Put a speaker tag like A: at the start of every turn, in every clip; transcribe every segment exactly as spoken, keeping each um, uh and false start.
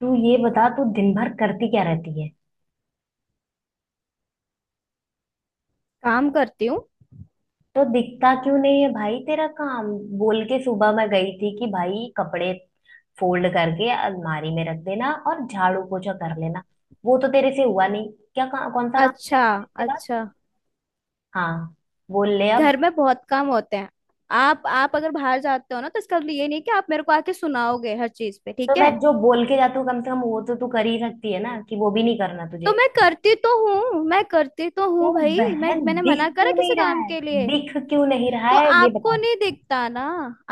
A: तू ये बता, तू दिन भर करती क्या रहती है?
B: काम करती हूँ।
A: तो दिखता क्यों नहीं है भाई तेरा काम? बोल के सुबह मैं गई थी कि भाई कपड़े फोल्ड करके अलमारी में रख देना और झाड़ू पोछा कर लेना। वो तो तेरे से हुआ नहीं। क्या का, कौन सा काम किया
B: अच्छा।
A: तूने इसके बाद?
B: अच्छा।
A: हाँ, बोल ले अब।
B: घर में बहुत काम होते हैं। आप आप अगर बाहर जाते हो ना, तो इसका मतलब ये नहीं कि आप मेरे को आके सुनाओगे हर चीज पे।
A: तो
B: ठीक
A: मैं
B: है?
A: जो बोल के जाती हूँ कम से कम वो तो तू कर ही सकती है ना? कि वो भी नहीं करना
B: तो
A: तुझे?
B: मैं करती तो हूँ मैं करती तो हूँ
A: तो
B: भाई। मैं
A: बहन
B: मैंने
A: दिख
B: मना करा
A: क्यों
B: किसी
A: नहीं रहा
B: काम
A: है?
B: के लिए?
A: दिख क्यों नहीं रहा
B: तो
A: है ये
B: आपको
A: बता दे।
B: नहीं दिखता ना।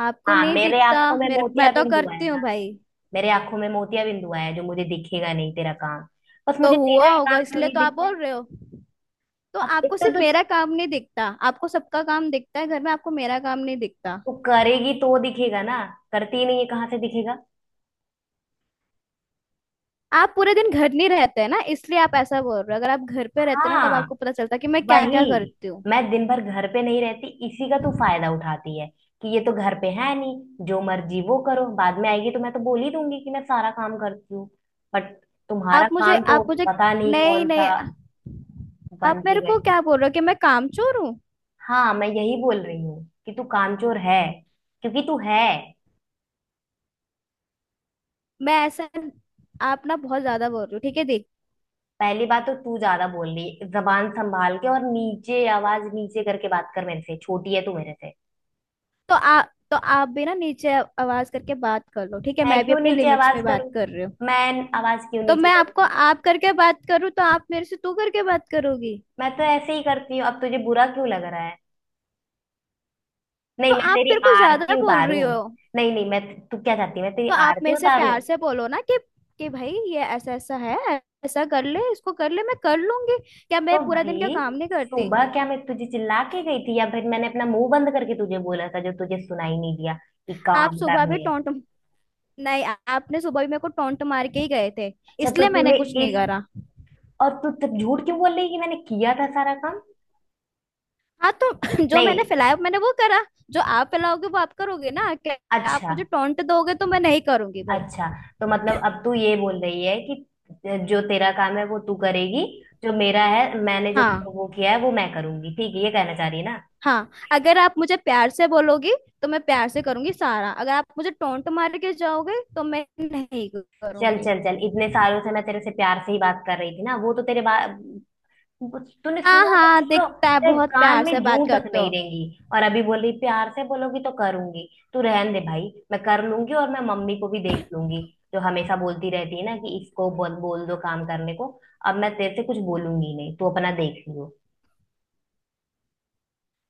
B: आपको
A: हाँ,
B: नहीं
A: मेरे
B: दिखता
A: आंखों में
B: मेरे,
A: मोतिया
B: मैं तो
A: बिंदु है
B: करती हूँ
A: ना।
B: भाई।
A: मेरे आंखों में मोतिया बिंदु आया है, जो मुझे दिखेगा नहीं तेरा काम। बस
B: तो
A: मुझे
B: हुआ
A: तेरा ही
B: होगा
A: काम क्यों
B: इसलिए
A: नहीं
B: तो आप
A: दिखता है?
B: बोल रहे हो। तो
A: अब एक
B: आपको
A: तो
B: सिर्फ
A: तू,
B: मेरा काम नहीं दिखता, आपको सबका काम दिखता है घर में, आपको मेरा काम नहीं दिखता।
A: तू करेगी तो दिखेगा ना। करती ही नहीं है कहाँ से दिखेगा।
B: आप पूरे दिन घर नहीं रहते हैं ना, इसलिए आप ऐसा बोल रहे हो। अगर आप घर पे रहते ना, तब
A: हाँ,
B: आपको पता चलता कि मैं क्या क्या
A: वही।
B: करती हूँ।
A: मैं दिन भर घर पे नहीं रहती, इसी का तू फायदा उठाती है कि ये तो घर पे है नहीं, जो मर्जी वो करो, बाद में आएगी तो मैं तो बोल ही दूंगी कि मैं सारा काम करती हूँ। बट तुम्हारा
B: आप मुझे
A: काम तो
B: आप मुझे
A: पता नहीं
B: नहीं
A: कौन
B: नहीं।
A: सा। बन
B: आप
A: के
B: मेरे को
A: बैठ।
B: क्या बोल रहे हो कि मैं कामचोर हूँ?
A: हाँ, मैं यही बोल रही हूँ कि तू कामचोर है, क्योंकि तू है।
B: मैं ऐसा आप ना बहुत ज्यादा बोल रहे हो। ठीक है? देख।
A: पहली बात तो तू ज्यादा बोल रही, जबान संभाल के, और नीचे आवाज नीचे करके बात कर। मेरे से छोटी है तू मेरे से।
B: तो आप तो आप भी ना नीचे आ- आवाज करके बात कर लो। ठीक है,
A: मैं
B: मैं भी
A: क्यों
B: अपने
A: नीचे
B: लिमिट्स
A: आवाज
B: में बात
A: करूं?
B: कर रही हूँ।
A: मैं आवाज क्यों
B: तो
A: नीचे
B: मैं आपको
A: करूंगी?
B: आप करके बात करूँ, तो आप मेरे से तू करके बात करोगी?
A: मैं तो ऐसे ही करती हूँ, अब तुझे बुरा क्यों लग रहा है? नहीं,
B: तो
A: मैं
B: आप
A: तेरी
B: मेरे को ज्यादा
A: आरती
B: बोल रही
A: उतारूं?
B: हो।
A: नहीं नहीं मैं तू क्या चाहती है, मैं तेरी
B: तो आप
A: आरती
B: मेरे से
A: उतारूं?
B: प्यार से बोलो ना, कि कि भाई ये ऐसा ऐसा है, ऐसा कर ले, इसको कर ले, मैं कर लूंगी। क्या
A: तो
B: मैं पूरा
A: भाई
B: दिन क्या काम नहीं करती?
A: सुबह क्या मैं तुझे चिल्ला के गई थी या फिर मैंने अपना मुंह बंद करके तुझे बोला था जो तुझे सुनाई नहीं दिया कि
B: आप
A: काम
B: सुबह भी
A: करने हैं?
B: टोंट, नहीं, आ- आपने सुबह भी मेरे को टोंट मार के ही गए थे,
A: अच्छा, तो
B: इसलिए मैंने
A: तूने
B: कुछ नहीं
A: इस
B: करा।
A: और तू तब झूठ क्यों बोल रही है कि मैंने किया था सारा काम?
B: हाँ, तो जो
A: नहीं।
B: मैंने फैलाया मैंने वो करा, जो आप फैलाओगे वो आप करोगे ना क्या? आप
A: अच्छा।
B: मुझे टोंट दोगे तो मैं नहीं करूंगी भाई।
A: अच्छा, तो मतलब अब तू ये बोल रही है कि जो तेरा काम है वो तू करेगी, जो मेरा है मैंने जो
B: हाँ
A: वो किया है वो मैं करूंगी, ठीक है? ये कहना चाह रही है ना?
B: हाँ, अगर आप मुझे प्यार से बोलोगी तो मैं प्यार से करूंगी सारा। अगर आप मुझे टोंट मार के जाओगे तो मैं नहीं
A: चल
B: करूंगी।
A: चल चल इतने सालों से मैं तेरे से प्यार से ही बात कर रही थी ना, वो तो तेरे बात तूने
B: हाँ
A: सुना तो
B: हाँ,
A: छोड़ो,
B: दिखता है,
A: तेरे
B: बहुत
A: कान
B: प्यार से
A: में जू
B: बात
A: तक
B: करते हो।
A: नहीं रहेंगी। और अभी बोली प्यार से बोलोगी तो करूंगी। तू रहन दे भाई, मैं कर लूंगी। और मैं मम्मी को भी देख लूंगी, जो हमेशा बोलती रहती है ना कि इसको बोल बोल दो काम करने को। अब मैं तेरे से कुछ बोलूंगी नहीं, तू अपना देख लियो।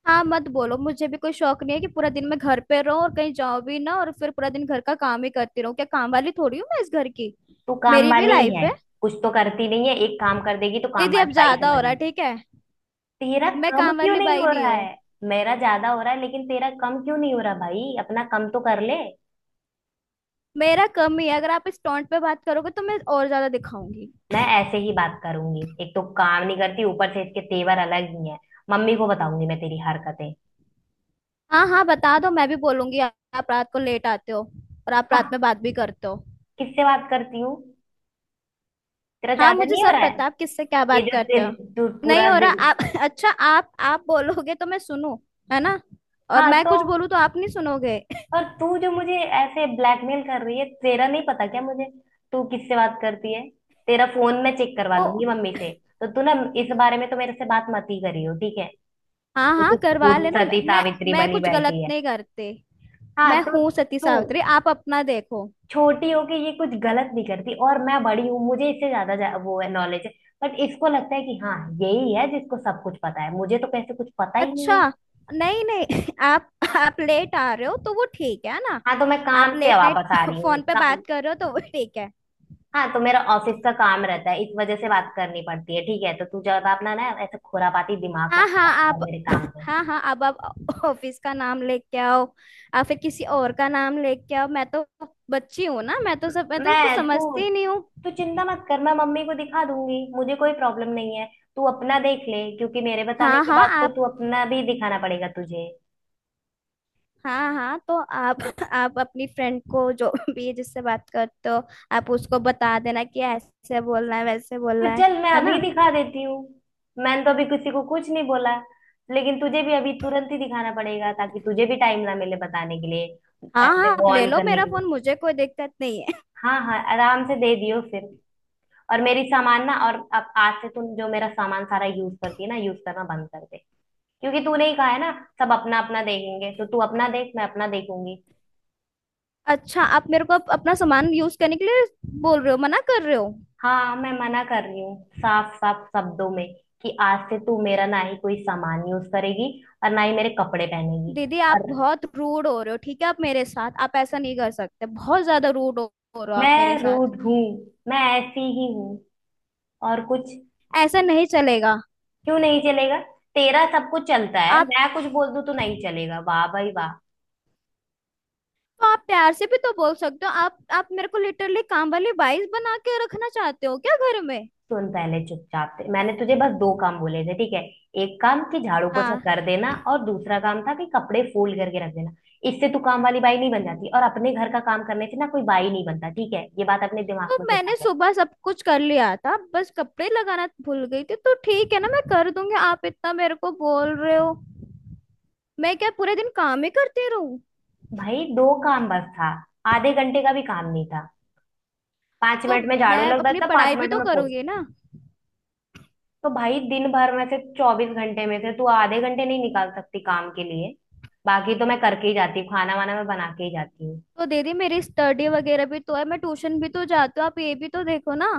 B: हाँ, मत बोलो, मुझे भी कोई शौक नहीं है कि पूरा दिन मैं घर पे रहूं और कहीं जाऊं भी ना और फिर पूरा दिन घर का काम ही करती रहूं। क्या काम वाली थोड़ी हूँ मैं इस घर की?
A: तू काम
B: मेरी भी
A: वाली ही
B: लाइफ
A: है।
B: है।
A: कुछ तो करती नहीं है, एक काम कर देगी तो काम
B: दीदी, अब
A: वाली बाई
B: ज्यादा हो
A: समझ
B: रहा है।
A: लेगी।
B: ठीक है?
A: तेरा
B: मैं
A: कम
B: काम
A: क्यों
B: वाली
A: नहीं हो
B: बाई नहीं
A: रहा
B: हूँ।
A: है? मेरा ज्यादा हो रहा है लेकिन तेरा कम क्यों नहीं हो रहा भाई? अपना कम तो कर ले।
B: मेरा कम ही है, अगर आप इस टोंट पे बात करोगे तो मैं और ज्यादा दिखाऊंगी।
A: मैं ऐसे ही बात करूंगी, एक तो काम नहीं करती ऊपर से इसके तेवर अलग ही हैं। मम्मी को बताऊंगी मैं तेरी हरकतें।
B: हाँ हाँ, बता दो, मैं भी बोलूंगी। आप रात को लेट आते हो और आप रात
A: हाँ,
B: में बात भी करते हो।
A: किससे बात करती हूँ? तेरा
B: हाँ,
A: ज्यादा
B: मुझे
A: नहीं हो
B: सब
A: रहा है?
B: पता, आप किससे क्या
A: ये
B: बात
A: जो
B: करते
A: ते-
B: हो।
A: तू
B: नहीं
A: पूरा
B: हो रहा
A: दिन,
B: आप अच्छा, आप आप बोलोगे तो मैं सुनूं, है ना? और
A: हाँ
B: मैं
A: तो,
B: कुछ बोलूं तो आप नहीं सुनोगे।
A: और तू जो मुझे ऐसे ब्लैकमेल कर रही है, तेरा नहीं पता क्या मुझे? तू किससे बात करती है? तेरा फोन मैं चेक करवा
B: ओ।
A: दूंगी मम्मी से। तो तू ना, इस बारे में तो मेरे से बात मत ही करियो, ठीक है?
B: हाँ
A: तो तू
B: हाँ, करवा
A: खुद
B: लेना। मैं
A: सती
B: मैं
A: सावित्री
B: मैं
A: बनी
B: कुछ गलत
A: बैठी है?
B: नहीं करते।
A: हाँ,
B: मैं
A: तो
B: हूँ सती
A: तू,
B: सावित्री, आप अपना देखो।
A: छोटी हो के ये कुछ गलत नहीं करती, और मैं बड़ी हूँ, मुझे इससे ज्यादा जा- वो है नॉलेज है। बट इसको लगता है कि हाँ, यही है जिसको सब कुछ पता है, मुझे तो कैसे कुछ पता ही नहीं
B: अच्छा।
A: है।
B: नहीं नहीं आप आप लेट आ रहे हो तो वो ठीक है ना?
A: हाँ, तो मैं
B: आप
A: काम से
B: लेट नाइट
A: वापस आ रही हूँ
B: फोन पे
A: का-
B: बात कर रहे हो तो वो ठीक है?
A: हाँ, तो मेरा ऑफिस का काम रहता है, इस वजह से बात करनी पड़ती है, ठीक है? तो तू ज्यादा अपना ना ऐसे खुरापाती दिमाग मत
B: हाँ हाँ
A: लगाया
B: आप।
A: कर मेरे काम पे।
B: हाँ हाँ, अब आप ऑफिस का नाम लेके आओ, या फिर किसी और का नाम लेके आओ। मैं तो बच्ची हूँ ना, मैं तो सब मैं तो कुछ
A: मैं तू
B: समझती ही नहीं हूँ।
A: तू चिंता मत कर, मैं मम्मी को दिखा दूंगी, मुझे कोई प्रॉब्लम नहीं है। तू अपना देख ले, क्योंकि मेरे बताने
B: हाँ
A: के
B: हाँ
A: बाद तो
B: आप।
A: तू अपना भी दिखाना पड़ेगा तुझे।
B: हाँ हाँ, तो आप आप अपनी फ्रेंड को, जो भी है जिससे बात करते हो, आप उसको बता देना कि ऐसे बोलना है वैसे
A: तो
B: बोलना है।
A: चल, मैं
B: है ना?
A: अभी दिखा देती हूँ। मैंने तो अभी किसी को कुछ नहीं बोला, लेकिन तुझे भी अभी तुरंत ही दिखाना पड़ेगा ताकि तुझे भी टाइम ना मिले बताने के लिए।
B: हाँ हाँ,
A: ऐसे
B: आप
A: वो
B: ले
A: ऑन
B: लो
A: करने
B: मेरा
A: के लिए।
B: फोन, मुझे कोई दिक्कत नहीं है।
A: हाँ हाँ, आराम से दे दियो फिर। और मेरी सामान ना, और अब आज से तुम जो मेरा सामान सारा यूज करती है ना, यूज करना बंद कर दे। क्योंकि तूने ही कहा है ना, सब अपना अपना देखेंगे, तो तू अपना देख, मैं अपना देखूंगी।
B: अच्छा, आप मेरे को अप- अपना सामान यूज करने के लिए बोल रहे हो, मना कर रहे हो?
A: हाँ, मैं मना कर रही हूँ साफ साफ शब्दों में, कि आज से तू मेरा ना ही कोई सामान यूज करेगी और ना ही मेरे कपड़े पहनेगी।
B: दीदी, आप
A: और
B: बहुत रूड हो रहे हो। ठीक है? आप मेरे साथ, आप ऐसा नहीं कर सकते। बहुत ज्यादा रूड हो, हो रहे हो आप मेरे
A: मैं
B: साथ।
A: रूड हूँ, मैं ऐसी ही हूँ, और कुछ?
B: ऐसा नहीं चलेगा।
A: क्यों नहीं चलेगा? तेरा सब कुछ चलता है,
B: आप,
A: मैं कुछ बोल दूँ तो नहीं चलेगा? वाह भाई वाह।
B: तो आप प्यार से भी तो बोल सकते हो। आप आप मेरे को लिटरली काम वाली बाइस बना के रखना चाहते हो क्या घर में?
A: सुन, पहले चुपचाप से मैंने तुझे बस दो काम बोले थे, ठीक है? एक काम कि झाड़ू पोछा
B: हाँ,
A: कर देना और दूसरा काम था कि कपड़े फोल्ड करके रख देना। इससे तू काम वाली बाई नहीं बन जाती, और अपने घर का काम करने से ना कोई बाई नहीं बनता, ठीक है? ये बात अपने
B: तो
A: दिमाग में घुसा
B: मैंने
A: ले।
B: सुबह सब कुछ कर लिया था, बस कपड़े लगाना भूल गई थी। तो ठीक है ना, मैं कर दूंगी। आप इतना मेरे को बोल रहे हो। मैं क्या पूरे दिन काम ही करती रहूं?
A: भाई दो काम बस था, आधे घंटे का भी काम नहीं था। पांच
B: तो
A: मिनट में
B: मैं
A: झाड़ू लग
B: अपनी
A: जाता, पांच
B: पढ़ाई भी
A: मिनट
B: तो
A: में
B: करूंगी
A: पोछा।
B: ना।
A: तो भाई दिन भर में से, चौबीस घंटे में से, तू आधे घंटे नहीं निकाल सकती काम के लिए? बाकी तो मैं करके ही जाती हूँ, खाना वाना मैं बना के ही जाती हूँ।
B: तो दीदी, मेरी स्टडी वगैरह भी तो है, मैं ट्यूशन भी तो जाती हूँ, आप ये भी तो देखो ना।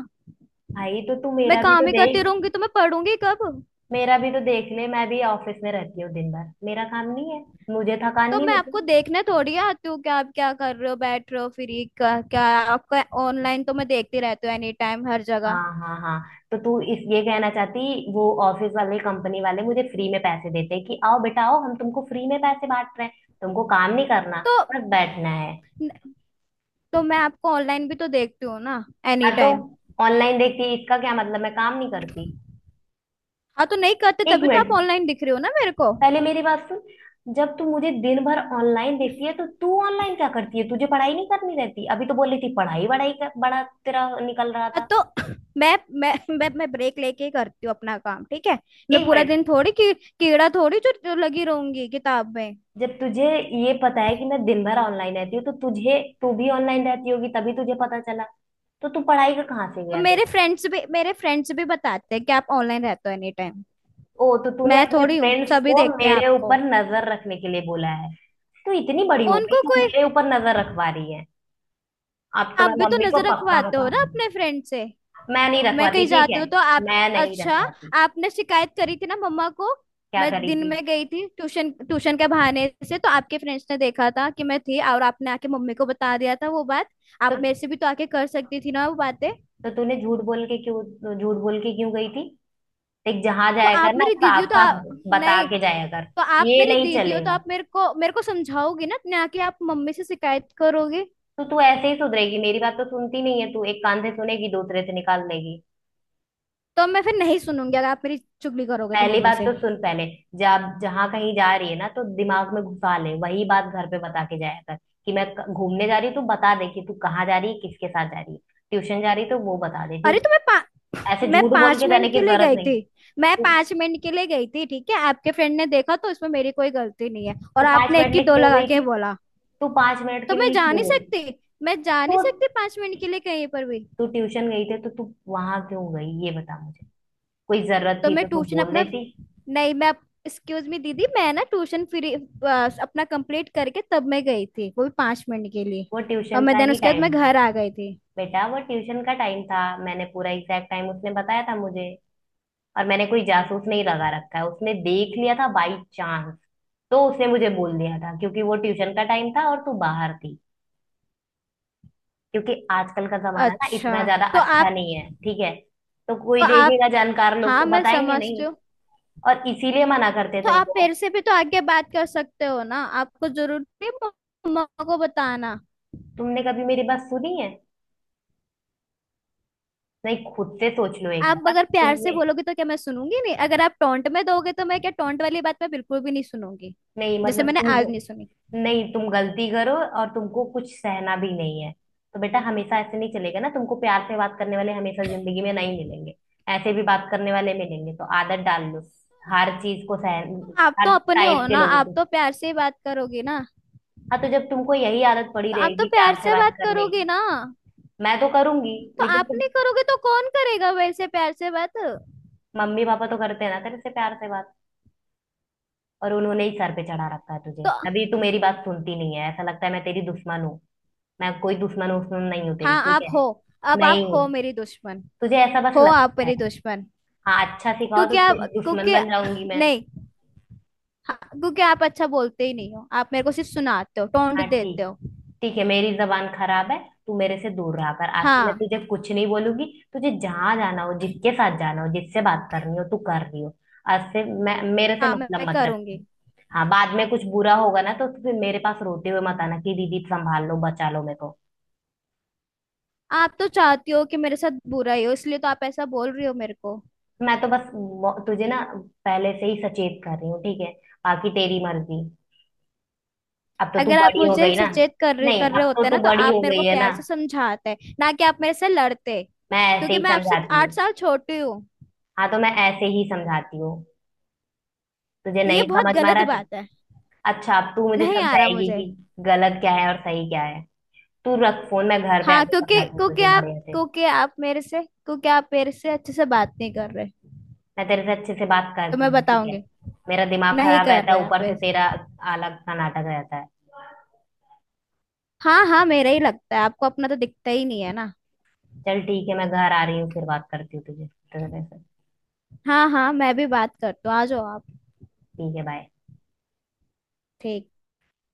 A: भाई तो तू
B: मैं
A: मेरा भी तो
B: काम ही करती
A: देख,
B: रहूंगी तो मैं पढ़ूंगी कब?
A: मेरा भी तो देख ले, मैं भी ऑफिस में रहती हूँ दिन भर, मेरा काम नहीं है? मुझे थकान
B: तो
A: नहीं
B: मैं
A: होती?
B: आपको देखने थोड़ी आती हूँ कि आप क्या कर रहे हो, बैठ रहे हो फ्री, क्या क्या। आपका ऑनलाइन तो मैं देखती रहती हूँ एनी टाइम हर जगह।
A: हाँ हाँ हाँ, तो तू इस ये कहना चाहती, वो ऑफिस वाले कंपनी वाले मुझे फ्री में पैसे देते कि आओ बेटा आओ, हम तुमको फ्री में पैसे बांट रहे हैं, तुमको काम नहीं करना,
B: तो
A: बस बैठना है।
B: तो मैं आपको ऑनलाइन भी तो देखती हूँ ना
A: हाँ
B: एनी
A: तो,
B: टाइम।
A: ऑनलाइन देखती, इसका क्या मतलब मैं काम नहीं करती?
B: हाँ, तो नहीं करते
A: एक
B: तभी तो आप
A: मिनट
B: ऑनलाइन दिख रहे हो ना मेरे को।
A: पहले मेरी बात सुन। जब तू मुझे दिन भर ऑनलाइन देखती है तो तू ऑनलाइन क्या करती है? तुझे पढ़ाई नहीं करनी रहती? अभी तो बोल रही थी पढ़ाई बड़ाई का बड़ा तेरा निकल रहा
B: हाँ
A: था।
B: तो मैं मैं मैं मैं ब्रेक लेके ही करती हूँ अपना काम। ठीक है? मैं
A: एक
B: पूरा
A: मिनट
B: दिन थोड़ी की, कीड़ा थोड़ी जो जो लगी रहूंगी किताब में।
A: जब तुझे ये पता है कि मैं दिन भर ऑनलाइन रहती हूँ, तो तुझे तू भी ऑनलाइन रहती होगी तभी तुझे पता चला। तो तू पढ़ाई का कहाँ से
B: तो
A: गया
B: मेरे
A: तेरा?
B: फ्रेंड्स भी मेरे फ्रेंड्स भी बताते हैं कि आप ऑनलाइन रहते हो एनी टाइम।
A: ओ, तो तूने
B: मैं
A: अपने
B: थोड़ी हूँ,
A: फ्रेंड्स
B: सभी
A: को
B: देखते हैं
A: मेरे
B: आपको।
A: ऊपर नजर रखने के लिए बोला है? तू इतनी बड़ी हो गई,
B: उनको
A: तू
B: कोई,
A: मेरे ऊपर नजर रखवा रही है? अब तो
B: आप
A: मैं
B: भी तो
A: मम्मी को
B: नजर
A: पक्का
B: रखवाते हो
A: बता
B: ना
A: दूंगी।
B: अपने फ्रेंड से।
A: मैं नहीं
B: मैं
A: रखवाती,
B: कहीं
A: ठीक
B: जाती
A: है।
B: हूँ तो आप,
A: मैं नहीं
B: अच्छा,
A: रखवाती।
B: आपने शिकायत करी थी ना मम्मा को?
A: क्या
B: मैं
A: करी
B: दिन
A: थी?
B: में गई थी ट्यूशन, ट्यूशन के बहाने से, तो आपके फ्रेंड्स ने देखा था कि मैं थी, और आपने आके मम्मी को बता दिया था वो बात।
A: तो
B: आप
A: तो
B: मेरे से भी तो आके कर सकती थी ना वो बातें।
A: तूने झूठ बोल के क्यों, झूठ बोल के क्यों गई थी? देख, जहां
B: तो
A: जाया कर
B: आप
A: ना,
B: मेरी दीदी हो
A: साफ
B: तो
A: साफ
B: आ,
A: बता
B: नहीं,
A: के जाया कर।
B: तो आप
A: ये
B: मेरी
A: नहीं
B: दीदी हो तो
A: चलेगा।
B: आप मेरे को मेरे को समझाओगी ना, ना कि आप मम्मी से शिकायत करोगे।
A: तो तू ऐसे ही सुधरेगी, मेरी बात तो सुनती नहीं है तू, एक कान से सुनेगी दूसरे से निकाल देगी।
B: तो मैं फिर नहीं सुनूंगी अगर आप मेरी चुगली करोगे तो
A: पहली
B: मम्मा
A: बात
B: से।
A: तो सुन पहले, जब जहां कहीं जा रही है ना, तो दिमाग में घुसा ले वही बात, घर पे बता के जाया कर कि मैं क- घूमने जा रही हूँ। तू बता दे कि तू कहाँ जा रही है, किसके साथ जा रही है, ट्यूशन जा रही है, तो वो बता दे,
B: अरे,
A: ठीक
B: तो मैं पा,
A: है? ऐसे
B: मैं
A: झूठ बोल
B: पांच
A: के
B: मिनट
A: जाने की
B: के लिए
A: जरूरत
B: गई थी।
A: नहीं।
B: मैं
A: तू
B: पांच मिनट के लिए गई थी, ठीक है? आपके फ्रेंड ने देखा तो इसमें मेरी कोई गलती नहीं है,
A: तू
B: और
A: पांच
B: आपने
A: मिनट
B: एक की
A: लिए
B: दो
A: क्यों
B: लगा
A: गई
B: के
A: थी?
B: बोला।
A: तू पांच मिनट
B: तो
A: के
B: मैं
A: लिए
B: जा
A: क्यों
B: नहीं
A: गई?
B: सकती? मैं जा नहीं
A: तो
B: सकती पांच मिनट के लिए कहीं पर भी?
A: तू ट्यूशन गई थी, तो तू वहां क्यों गई ये बता मुझे। कोई जरूरत
B: तो
A: थी
B: मैं
A: तो तू
B: ट्यूशन
A: बोल
B: अपना
A: देती।
B: नहीं, मैं, एक्सक्यूज मी दीदी, मैं ना ट्यूशन फ्री अपना कंप्लीट करके तब मैं गई थी, वो भी पांच मिनट के लिए।
A: वो
B: और
A: ट्यूशन का
B: मैं देन
A: ही
B: उसके बाद मैं
A: टाइम था।
B: घर आ गई थी।
A: बेटा वो ट्यूशन का टाइम था, मैंने पूरा एग्जैक्ट टाइम, उसने बताया था मुझे। और मैंने कोई जासूस नहीं लगा रखा है, उसने देख लिया था बाई चांस, तो उसने मुझे बोल दिया था, क्योंकि वो ट्यूशन का टाइम था और तू बाहर थी। क्योंकि आजकल का जमाना ना इतना
B: अच्छा,
A: ज्यादा
B: तो
A: अच्छा
B: आप
A: नहीं है, ठीक है? तो कोई
B: तो आप
A: देखेगा, जानकार लोग तो
B: हाँ, मैं
A: बताएंगे
B: समझती
A: नहीं?
B: हूँ।
A: और इसीलिए मना करते हैं
B: तो आप
A: तुमको।
B: मेरे से भी तो आगे बात कर सकते हो ना, आपको जरूरत नहीं मम्मा को बताना।
A: तुमने कभी मेरी बात सुनी है? नहीं, खुद से सोच लो एक
B: आप
A: बार।
B: अगर प्यार से
A: तुमने
B: बोलोगे तो क्या मैं सुनूंगी नहीं? अगर आप टोंट में दोगे तो मैं क्या, टोंट वाली बात मैं बिल्कुल भी नहीं सुनूंगी।
A: नहीं
B: जैसे
A: मतलब
B: मैंने आज नहीं
A: तुम
B: सुनी।
A: नहीं तुम गलती करो और तुमको कुछ सहना भी नहीं है? तो बेटा हमेशा ऐसे नहीं चलेगा ना, तुमको प्यार से बात करने वाले हमेशा जिंदगी में नहीं मिलेंगे। ऐसे भी बात करने वाले मिलेंगे, तो आदत डाल लो, हर चीज को सह,
B: तो आप
A: हर
B: तो अपने हो
A: टाइप के
B: ना,
A: लोगों
B: आप
A: को।
B: तो प्यार से ही बात करोगे ना?
A: हाँ, तो जब तुमको यही आदत पड़ी
B: तो आप तो
A: रहेगी प्यार
B: प्यार
A: से
B: से
A: बात
B: बात
A: करने
B: करोगे
A: की,
B: ना?
A: मैं तो करूंगी,
B: तो
A: लेकिन
B: आप
A: तुम,
B: नहीं करोगे तो कौन करेगा वैसे प्यार से बात?
A: मम्मी पापा तो करते हैं ना तेरे से प्यार से बात, और उन्होंने ही सर पे चढ़ा रखा है तुझे।
B: तो,
A: अभी तू मेरी बात सुनती नहीं है, ऐसा लगता है मैं तेरी दुश्मन हूँ। मैं कोई दुश्मन उश्मन नहीं हूँ तेरी,
B: हाँ
A: ठीक
B: आप
A: है?
B: हो। अब आप
A: नहीं
B: हो
A: हूँ,
B: मेरी दुश्मन।
A: तुझे ऐसा
B: हो,
A: बस
B: आप
A: लगता है।
B: मेरी दुश्मन।
A: हाँ अच्छा, सिखाओ, तो
B: क्योंकि आप
A: तेरी दुश्मन
B: क्योंकि
A: बन जाऊंगी मैं।
B: नहीं। हाँ, क्योंकि आप अच्छा बोलते ही नहीं हो, आप मेरे को सिर्फ सुनाते हो, टोंट
A: हाँ
B: देते
A: ठीक,
B: हो।
A: ठीक है, मेरी जबान खराब है, तू मेरे से दूर रहा कर, आज से मैं
B: हाँ
A: तुझे कुछ नहीं बोलूंगी। तुझे जहां जाना हो, जिसके साथ जाना हो, जिससे बात करनी हो तू कर रही हो। आज से मैं, मेरे से
B: हाँ, मैं, मैं
A: मतलब मत
B: करूंगी।
A: रखी। हाँ, बाद में कुछ बुरा होगा ना, तो फिर मेरे पास रोते हुए मत आना कि दीदी संभाल लो, बचा लो मेरे को।
B: आप तो चाहती हो कि मेरे साथ बुरा ही हो, इसलिए तो आप ऐसा बोल रही हो मेरे को।
A: मैं तो बस वो- तुझे ना, पहले से ही सचेत कर रही हूँ, ठीक है? बाकी तेरी मर्जी, अब तो तू
B: अगर आप
A: बड़ी हो
B: मुझे
A: गई ना।
B: सचेत कर
A: नहीं,
B: कर रहे
A: अब तो
B: होते
A: तू
B: ना, तो
A: बड़ी
B: आप
A: हो
B: मेरे
A: गई
B: को
A: है ना,
B: प्यार से समझाते ना, कि आप मेरे से लड़ते,
A: मैं ऐसे
B: क्योंकि
A: ही
B: मैं आपसे
A: समझाती हूँ।
B: आठ साल छोटी हूँ।
A: हाँ, तो मैं ऐसे ही समझाती हूँ, तुझे
B: ये
A: नहीं
B: बहुत
A: समझ में आ
B: गलत
A: रहा तो?
B: बात है।
A: अच्छा, अब तू मुझे
B: नहीं आ रहा
A: समझाएगी
B: मुझे।
A: कि गलत क्या है और सही क्या है? तू रख फोन, मैं घर पे
B: हाँ,
A: आके
B: क्योंकि
A: समझाती हूँ
B: क्योंकि
A: तुझे
B: आप
A: बढ़िया से।
B: क्योंकि आप मेरे से क्योंकि आप मेरे से अच्छे से बात नहीं कर रहे।
A: मैं तेरे से अच्छे से बात
B: तो
A: करती
B: मैं
A: हूँ, ठीक है?
B: बताऊंगी।
A: मेरा दिमाग
B: नहीं
A: खराब
B: कर
A: रहता है,
B: रहे आप
A: ऊपर से तेरा
B: ऐसे।
A: अलग सा नाटक रहता है।
B: हाँ हाँ, मेरा ही लगता है आपको, अपना तो दिखता ही नहीं है ना।
A: चल ठीक है, मैं घर आ रही हूँ, फिर बात करती हूँ तुझे तेरे से।
B: हाँ हाँ, मैं भी बात करती हूँ, आ जाओ आप।
A: ठीक है, बाय।
B: ठीक